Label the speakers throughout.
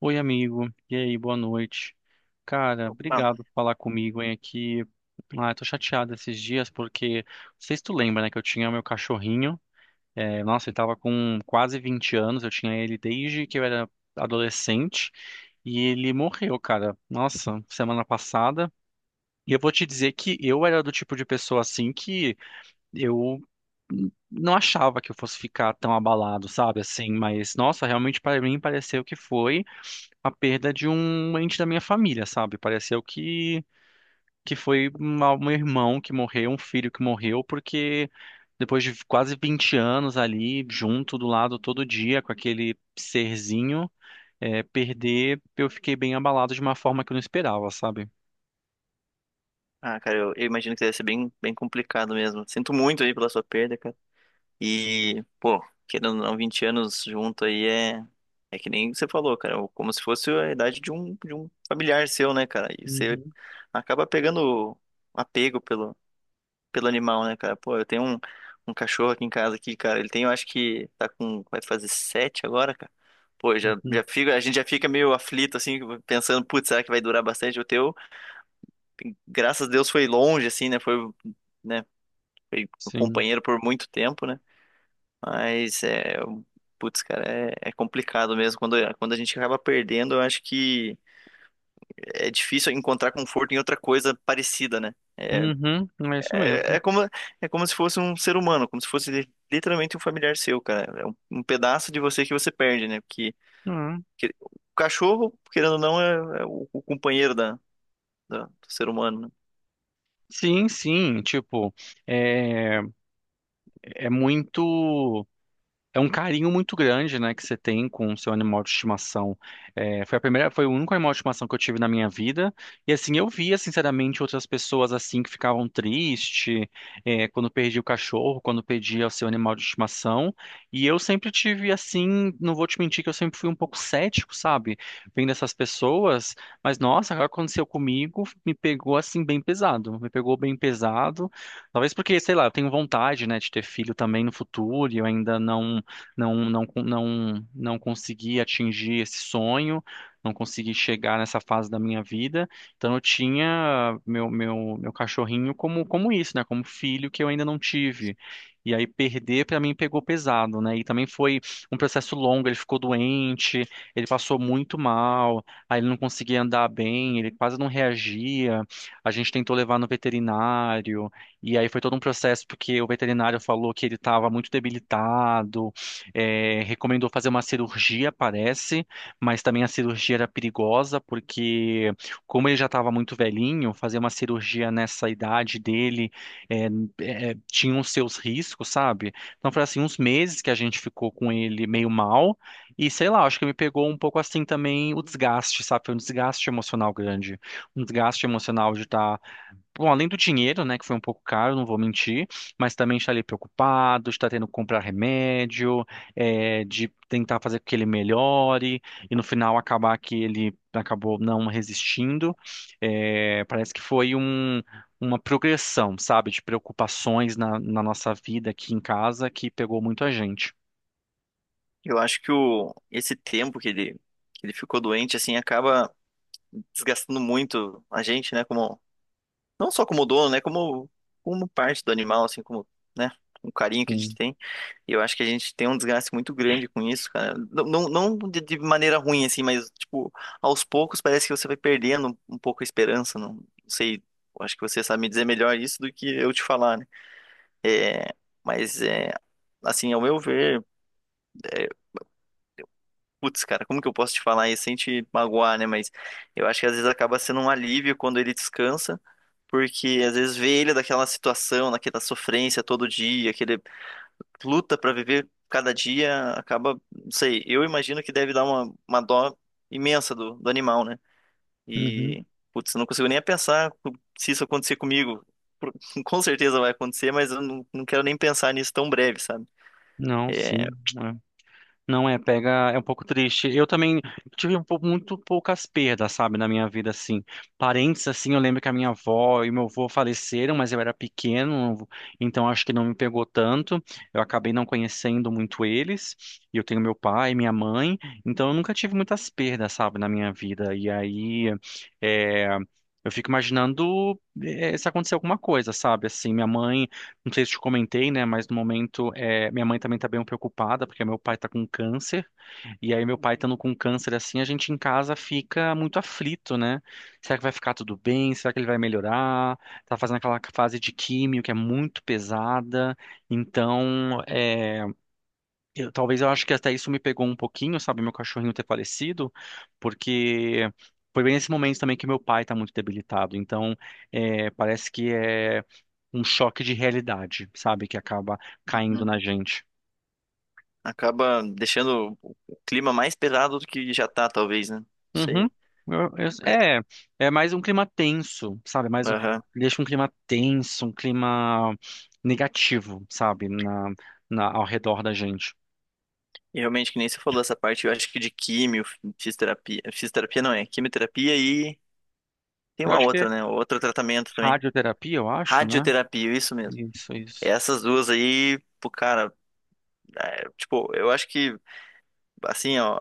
Speaker 1: Oi, amigo. E aí, boa noite. Cara,
Speaker 2: Ah,
Speaker 1: obrigado por falar comigo, hein, aqui. Ah, eu tô chateado esses dias porque, não sei se tu lembra, né, que eu tinha meu cachorrinho. É, nossa, ele tava com quase 20 anos, eu tinha ele desde que eu era adolescente e ele morreu, cara. Nossa, semana passada. E eu vou te dizer que eu era do tipo de pessoa assim que eu não achava que eu fosse ficar tão abalado, sabe? Assim, mas nossa, realmente para mim pareceu que foi a perda de um ente da minha família, sabe? Pareceu que foi um irmão que morreu, um filho que morreu, porque depois de quase 20 anos ali, junto do lado todo dia com aquele serzinho, perder, eu fiquei bem abalado de uma forma que eu não esperava, sabe?
Speaker 2: cara, eu imagino que deve ser bem, bem complicado mesmo. Sinto muito aí pela sua perda, cara. E, pô, querendo ou não, 20 anos junto aí é que nem você falou, cara. Como se fosse a idade de um familiar seu, né, cara? E você
Speaker 1: Uhum,
Speaker 2: acaba pegando apego pelo animal, né, cara? Pô, eu tenho um cachorro aqui em casa aqui, cara. Ele tem, eu acho que tá com, vai fazer sete agora, cara. Pô,
Speaker 1: uhum.
Speaker 2: já fica, a gente já fica meio aflito, assim, pensando, putz, será que vai durar bastante o teu? Graças a Deus foi longe, assim, né? Foi, né? Foi meu
Speaker 1: Sim.
Speaker 2: companheiro por muito tempo, né? Mas é, putz, cara, é complicado mesmo. Quando a gente acaba perdendo, eu acho que é difícil encontrar conforto em outra coisa parecida, né?
Speaker 1: Uhum, é isso
Speaker 2: É,
Speaker 1: mesmo.
Speaker 2: é como, É como se fosse um ser humano, como se fosse literalmente um familiar seu, cara. É um pedaço de você que você perde, né? Porque
Speaker 1: Uhum.
Speaker 2: o cachorro, querendo ou não, é o companheiro do ser humano, né?
Speaker 1: Sim, sim, tipo, é, é muito. É um carinho muito grande, né, que você tem com o seu animal de estimação. É, foi a primeira, foi o único animal de estimação que eu tive na minha vida. E assim, eu via, sinceramente, outras pessoas assim que ficavam tristes, quando perdia o cachorro, quando perdia o seu animal de estimação. E eu sempre tive assim, não vou te mentir que eu sempre fui um pouco cético, sabe? Vendo essas pessoas, mas nossa, agora aconteceu comigo, me pegou assim bem pesado. Me pegou bem pesado. Talvez porque, sei lá, eu tenho vontade, né, de ter filho também no futuro, e eu ainda não consegui atingir esse sonho, não consegui chegar nessa fase da minha vida. Então eu tinha meu cachorrinho como, como isso, né? Como filho que eu ainda não tive. E aí perder para mim pegou pesado, né? E também foi um processo longo, ele ficou doente, ele passou muito mal, aí ele não conseguia andar bem, ele quase não reagia. A gente tentou levar no veterinário, e aí foi todo um processo porque o veterinário falou que ele estava muito debilitado, recomendou fazer uma cirurgia, parece, mas também a cirurgia era perigosa, porque, como ele já estava muito velhinho, fazer uma cirurgia nessa idade dele é, tinha os seus riscos, sabe? Então, foi assim, uns meses que a gente ficou com ele meio mal, e sei lá, acho que me pegou um pouco assim também o desgaste, sabe? Foi um desgaste emocional grande, um desgaste emocional de estar. Bom, além do dinheiro, né, que foi um pouco caro, não vou mentir, mas também está ali preocupado, está tendo que comprar remédio, de tentar fazer com que ele melhore, e no final acabar que ele acabou não resistindo. Parece que foi uma progressão, sabe, de preocupações na nossa vida aqui em casa que pegou muito a gente.
Speaker 2: Eu acho que esse tempo que ele, ficou doente, assim, acaba desgastando muito a gente, né? Como, não só como dono, né? Como parte do animal, assim, como, né? O carinho que a gente
Speaker 1: Sim.
Speaker 2: tem. E eu acho que a gente tem um desgaste muito grande com isso, cara. Não, não, não de maneira ruim, assim, mas, tipo, aos poucos parece que você vai perdendo um pouco a esperança. Não, não sei, eu acho que você sabe me dizer melhor isso do que eu te falar, né? É, mas, é, assim, ao meu ver. Putz, cara, como que eu posso te falar isso sem te magoar, né? Mas eu acho que às vezes acaba sendo um alívio quando ele descansa, porque às vezes vê ele daquela situação, naquela sofrência todo dia, que ele luta pra viver cada dia, acaba, não sei, eu imagino que deve dar uma dó imensa do animal, né?
Speaker 1: Uhum.
Speaker 2: E, putz, eu não consigo nem pensar se isso acontecer comigo. Por- Com certeza vai acontecer, mas eu não quero nem pensar nisso tão breve, sabe?
Speaker 1: Não,
Speaker 2: É.
Speaker 1: sim. Não é, pega, é um pouco triste. Eu também tive muito poucas perdas, sabe, na minha vida, assim. Parentes, assim, eu lembro que a minha avó e meu avô faleceram, mas eu era pequeno, então acho que não me pegou tanto. Eu acabei não conhecendo muito eles. E eu tenho meu pai, minha mãe, então eu nunca tive muitas perdas, sabe, na minha vida. E aí, é, eu fico imaginando, se acontecer alguma coisa, sabe, assim, minha mãe. Não sei se te comentei, né? Mas no momento, minha mãe também tá bem preocupada, porque meu pai tá com câncer. E aí, meu pai estando com câncer assim, a gente em casa fica muito aflito, né? Será que vai ficar tudo bem? Será que ele vai melhorar? Tá fazendo aquela fase de químio que é muito pesada. Então, talvez eu acho que até isso me pegou um pouquinho, sabe? Meu cachorrinho ter falecido, porque. Foi bem nesse momento também que meu pai tá muito debilitado. Então, parece que é um choque de realidade, sabe? Que acaba caindo na gente.
Speaker 2: Acaba deixando o clima mais pesado do que já tá, talvez, né? Não
Speaker 1: Uhum.
Speaker 2: sei. Mas,
Speaker 1: É, é mais um clima tenso, sabe?
Speaker 2: aham.
Speaker 1: Deixa um clima tenso, um clima negativo, sabe? Na, ao redor da gente.
Speaker 2: E realmente, que nem você falou essa parte, eu acho que de químio, fisioterapia. Fisioterapia não é, quimioterapia e tem
Speaker 1: Eu
Speaker 2: uma
Speaker 1: acho que é
Speaker 2: outra, né? Outro tratamento também.
Speaker 1: radioterapia, eu acho, né?
Speaker 2: Radioterapia, isso mesmo.
Speaker 1: Isso, isso.
Speaker 2: Essas duas aí, pô, cara, é, tipo, eu acho que assim, ó,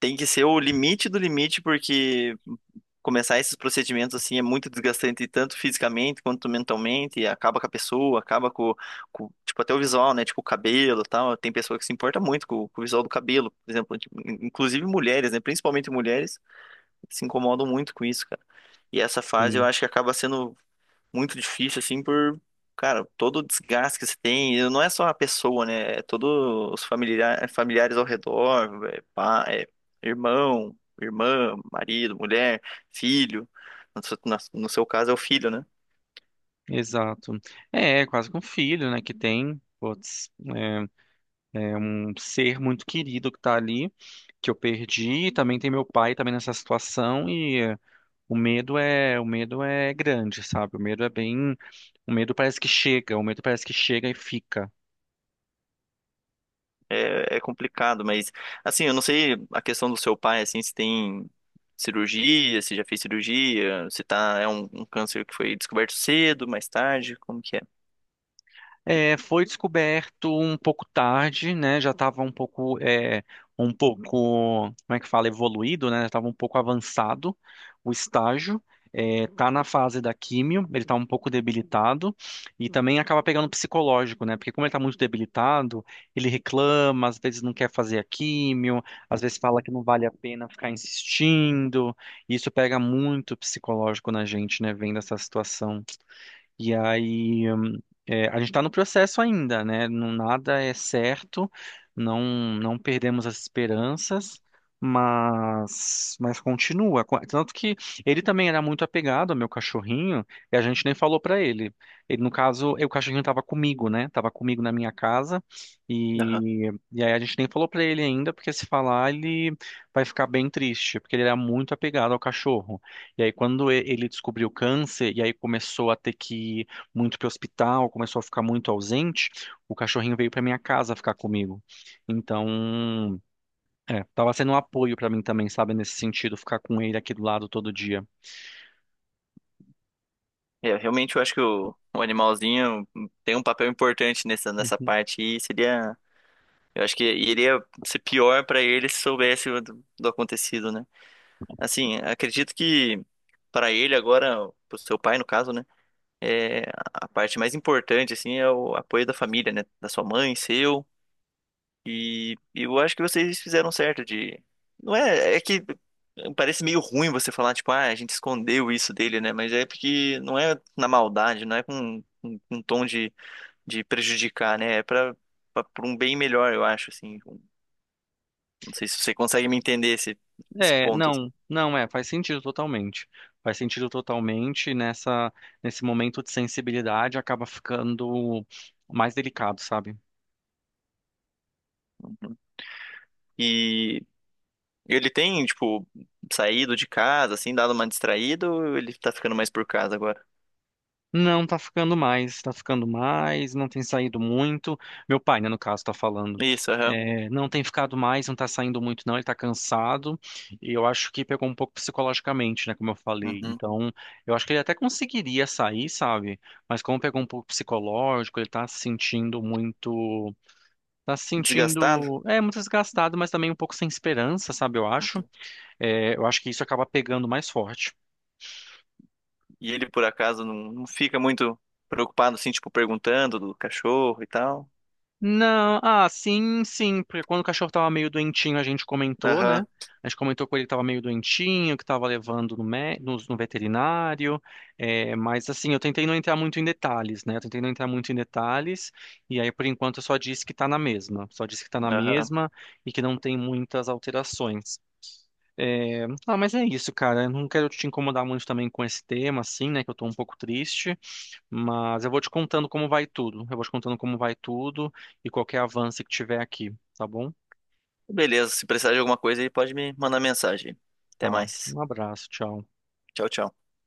Speaker 2: tem que ser o limite do limite, porque começar esses procedimentos assim é muito desgastante, tanto fisicamente quanto mentalmente, e acaba com a pessoa, acaba com, tipo, até o visual, né? Tipo, o cabelo e tal. Tem pessoa que se importa muito com o visual do cabelo, por exemplo, tipo, inclusive mulheres, né? Principalmente mulheres se incomodam muito com isso, cara. E essa fase eu
Speaker 1: Sim,
Speaker 2: acho que acaba sendo muito difícil, assim, por, cara, todo o desgaste que você tem, e não é só a pessoa, né? É todos os familiares ao redor, é, pá, é irmão, irmã, marido, mulher, filho. No seu, no seu caso é o filho, né?
Speaker 1: exato. É, é quase com um filho, né? Que tem, putz, é, é um ser muito querido que tá ali, que eu perdi. Também tem meu pai também nessa situação. O medo é grande, sabe? O medo é bem, o medo parece que chega, o medo parece que chega e fica.
Speaker 2: É, é complicado, mas, assim, eu não sei a questão do seu pai, assim, se tem cirurgia, se já fez cirurgia, se tá, é um câncer que foi descoberto cedo, mais tarde, como que
Speaker 1: É, foi descoberto um pouco tarde, né? Já estava um pouco, um pouco, como é que fala, evoluído, né? Estava um pouco avançado o estágio. É, tá na fase da químio, ele está um pouco debilitado e também acaba pegando psicológico, né? Porque como ele está muito debilitado, ele reclama, às vezes não quer fazer a químio, às vezes fala que não vale a pena ficar insistindo. E isso pega muito psicológico na gente, né? Vendo essa situação. E aí, a gente está no processo ainda, né? Não, nada é certo, não não perdemos as esperanças, mas continua. Tanto que ele também era muito apegado ao meu cachorrinho e a gente nem falou para ele. Ele, no caso, o cachorrinho estava comigo, né? Estava comigo na minha casa
Speaker 2: é?
Speaker 1: e aí a gente nem falou para ele ainda, porque se falar ele vai ficar bem triste, porque ele era muito apegado ao cachorro. E aí, quando ele descobriu o câncer, e aí começou a ter que ir muito para o hospital, começou a ficar muito ausente, o cachorrinho veio para minha casa ficar comigo. Então, tava sendo um apoio para mim também, sabe, nesse sentido, ficar com ele aqui do lado todo dia.
Speaker 2: É, realmente eu acho que o animalzinho tem um papel importante nessa
Speaker 1: Uhum.
Speaker 2: parte e seria, eu acho que iria ser pior para ele se soubesse do, acontecido, né? Assim, acredito que para ele agora, pro seu pai no caso, né, é a parte mais importante assim é o apoio da família, né, da sua mãe, seu. E eu acho que vocês fizeram certo de. Não é. É que parece meio ruim você falar, tipo, ah, a gente escondeu isso dele, né? Mas é porque não é na maldade, não é com um tom de, prejudicar, né? É pra um bem melhor, eu acho, assim. Não sei se você consegue me entender esse
Speaker 1: É,
Speaker 2: ponto. Assim.
Speaker 1: não é, faz sentido totalmente. Faz sentido totalmente nessa, nesse momento de sensibilidade acaba ficando mais delicado, sabe?
Speaker 2: E ele tem, tipo, saído de casa, assim, dado uma distraída, ou ele tá ficando mais por casa agora?
Speaker 1: Não tá ficando mais, tá ficando mais, não tem saído muito. Meu pai, né, no caso, tá falando.
Speaker 2: Isso, aham.
Speaker 1: É, não tem ficado mais, não tá saindo muito, não. Ele tá cansado. E eu acho que pegou um pouco psicologicamente, né, como eu falei.
Speaker 2: Uhum.
Speaker 1: Então, eu acho que ele até conseguiria sair, sabe? Mas como pegou um pouco psicológico, ele tá se sentindo muito. Tá se
Speaker 2: Desgastado?
Speaker 1: sentindo, muito desgastado, mas também um pouco sem esperança, sabe? Eu acho. É, eu acho que isso acaba pegando mais forte.
Speaker 2: E ele, por acaso, não fica muito preocupado, assim, tipo, perguntando do cachorro e tal.
Speaker 1: Não, ah, sim, sim, porque quando o cachorro tava meio doentinho, a gente comentou,
Speaker 2: Aham,
Speaker 1: né? A gente comentou com ele que tava meio doentinho, que tava levando no veterinário, mas assim, eu tentei não entrar muito em detalhes, né? Eu tentei não entrar muito em detalhes, e aí por enquanto eu só disse que tá na mesma, só disse que tá na
Speaker 2: aham.
Speaker 1: mesma e que não tem muitas alterações. É, ah, mas é isso, cara. Eu não quero te incomodar muito também com esse tema, assim, né? Que eu tô um pouco triste, mas eu vou te contando como vai tudo. Eu vou te contando como vai tudo e qualquer avanço que tiver aqui, tá bom?
Speaker 2: Beleza, se precisar de alguma coisa aí, pode me mandar mensagem. Até
Speaker 1: Tá.
Speaker 2: mais.
Speaker 1: Um abraço, tchau.
Speaker 2: Tchau, tchau.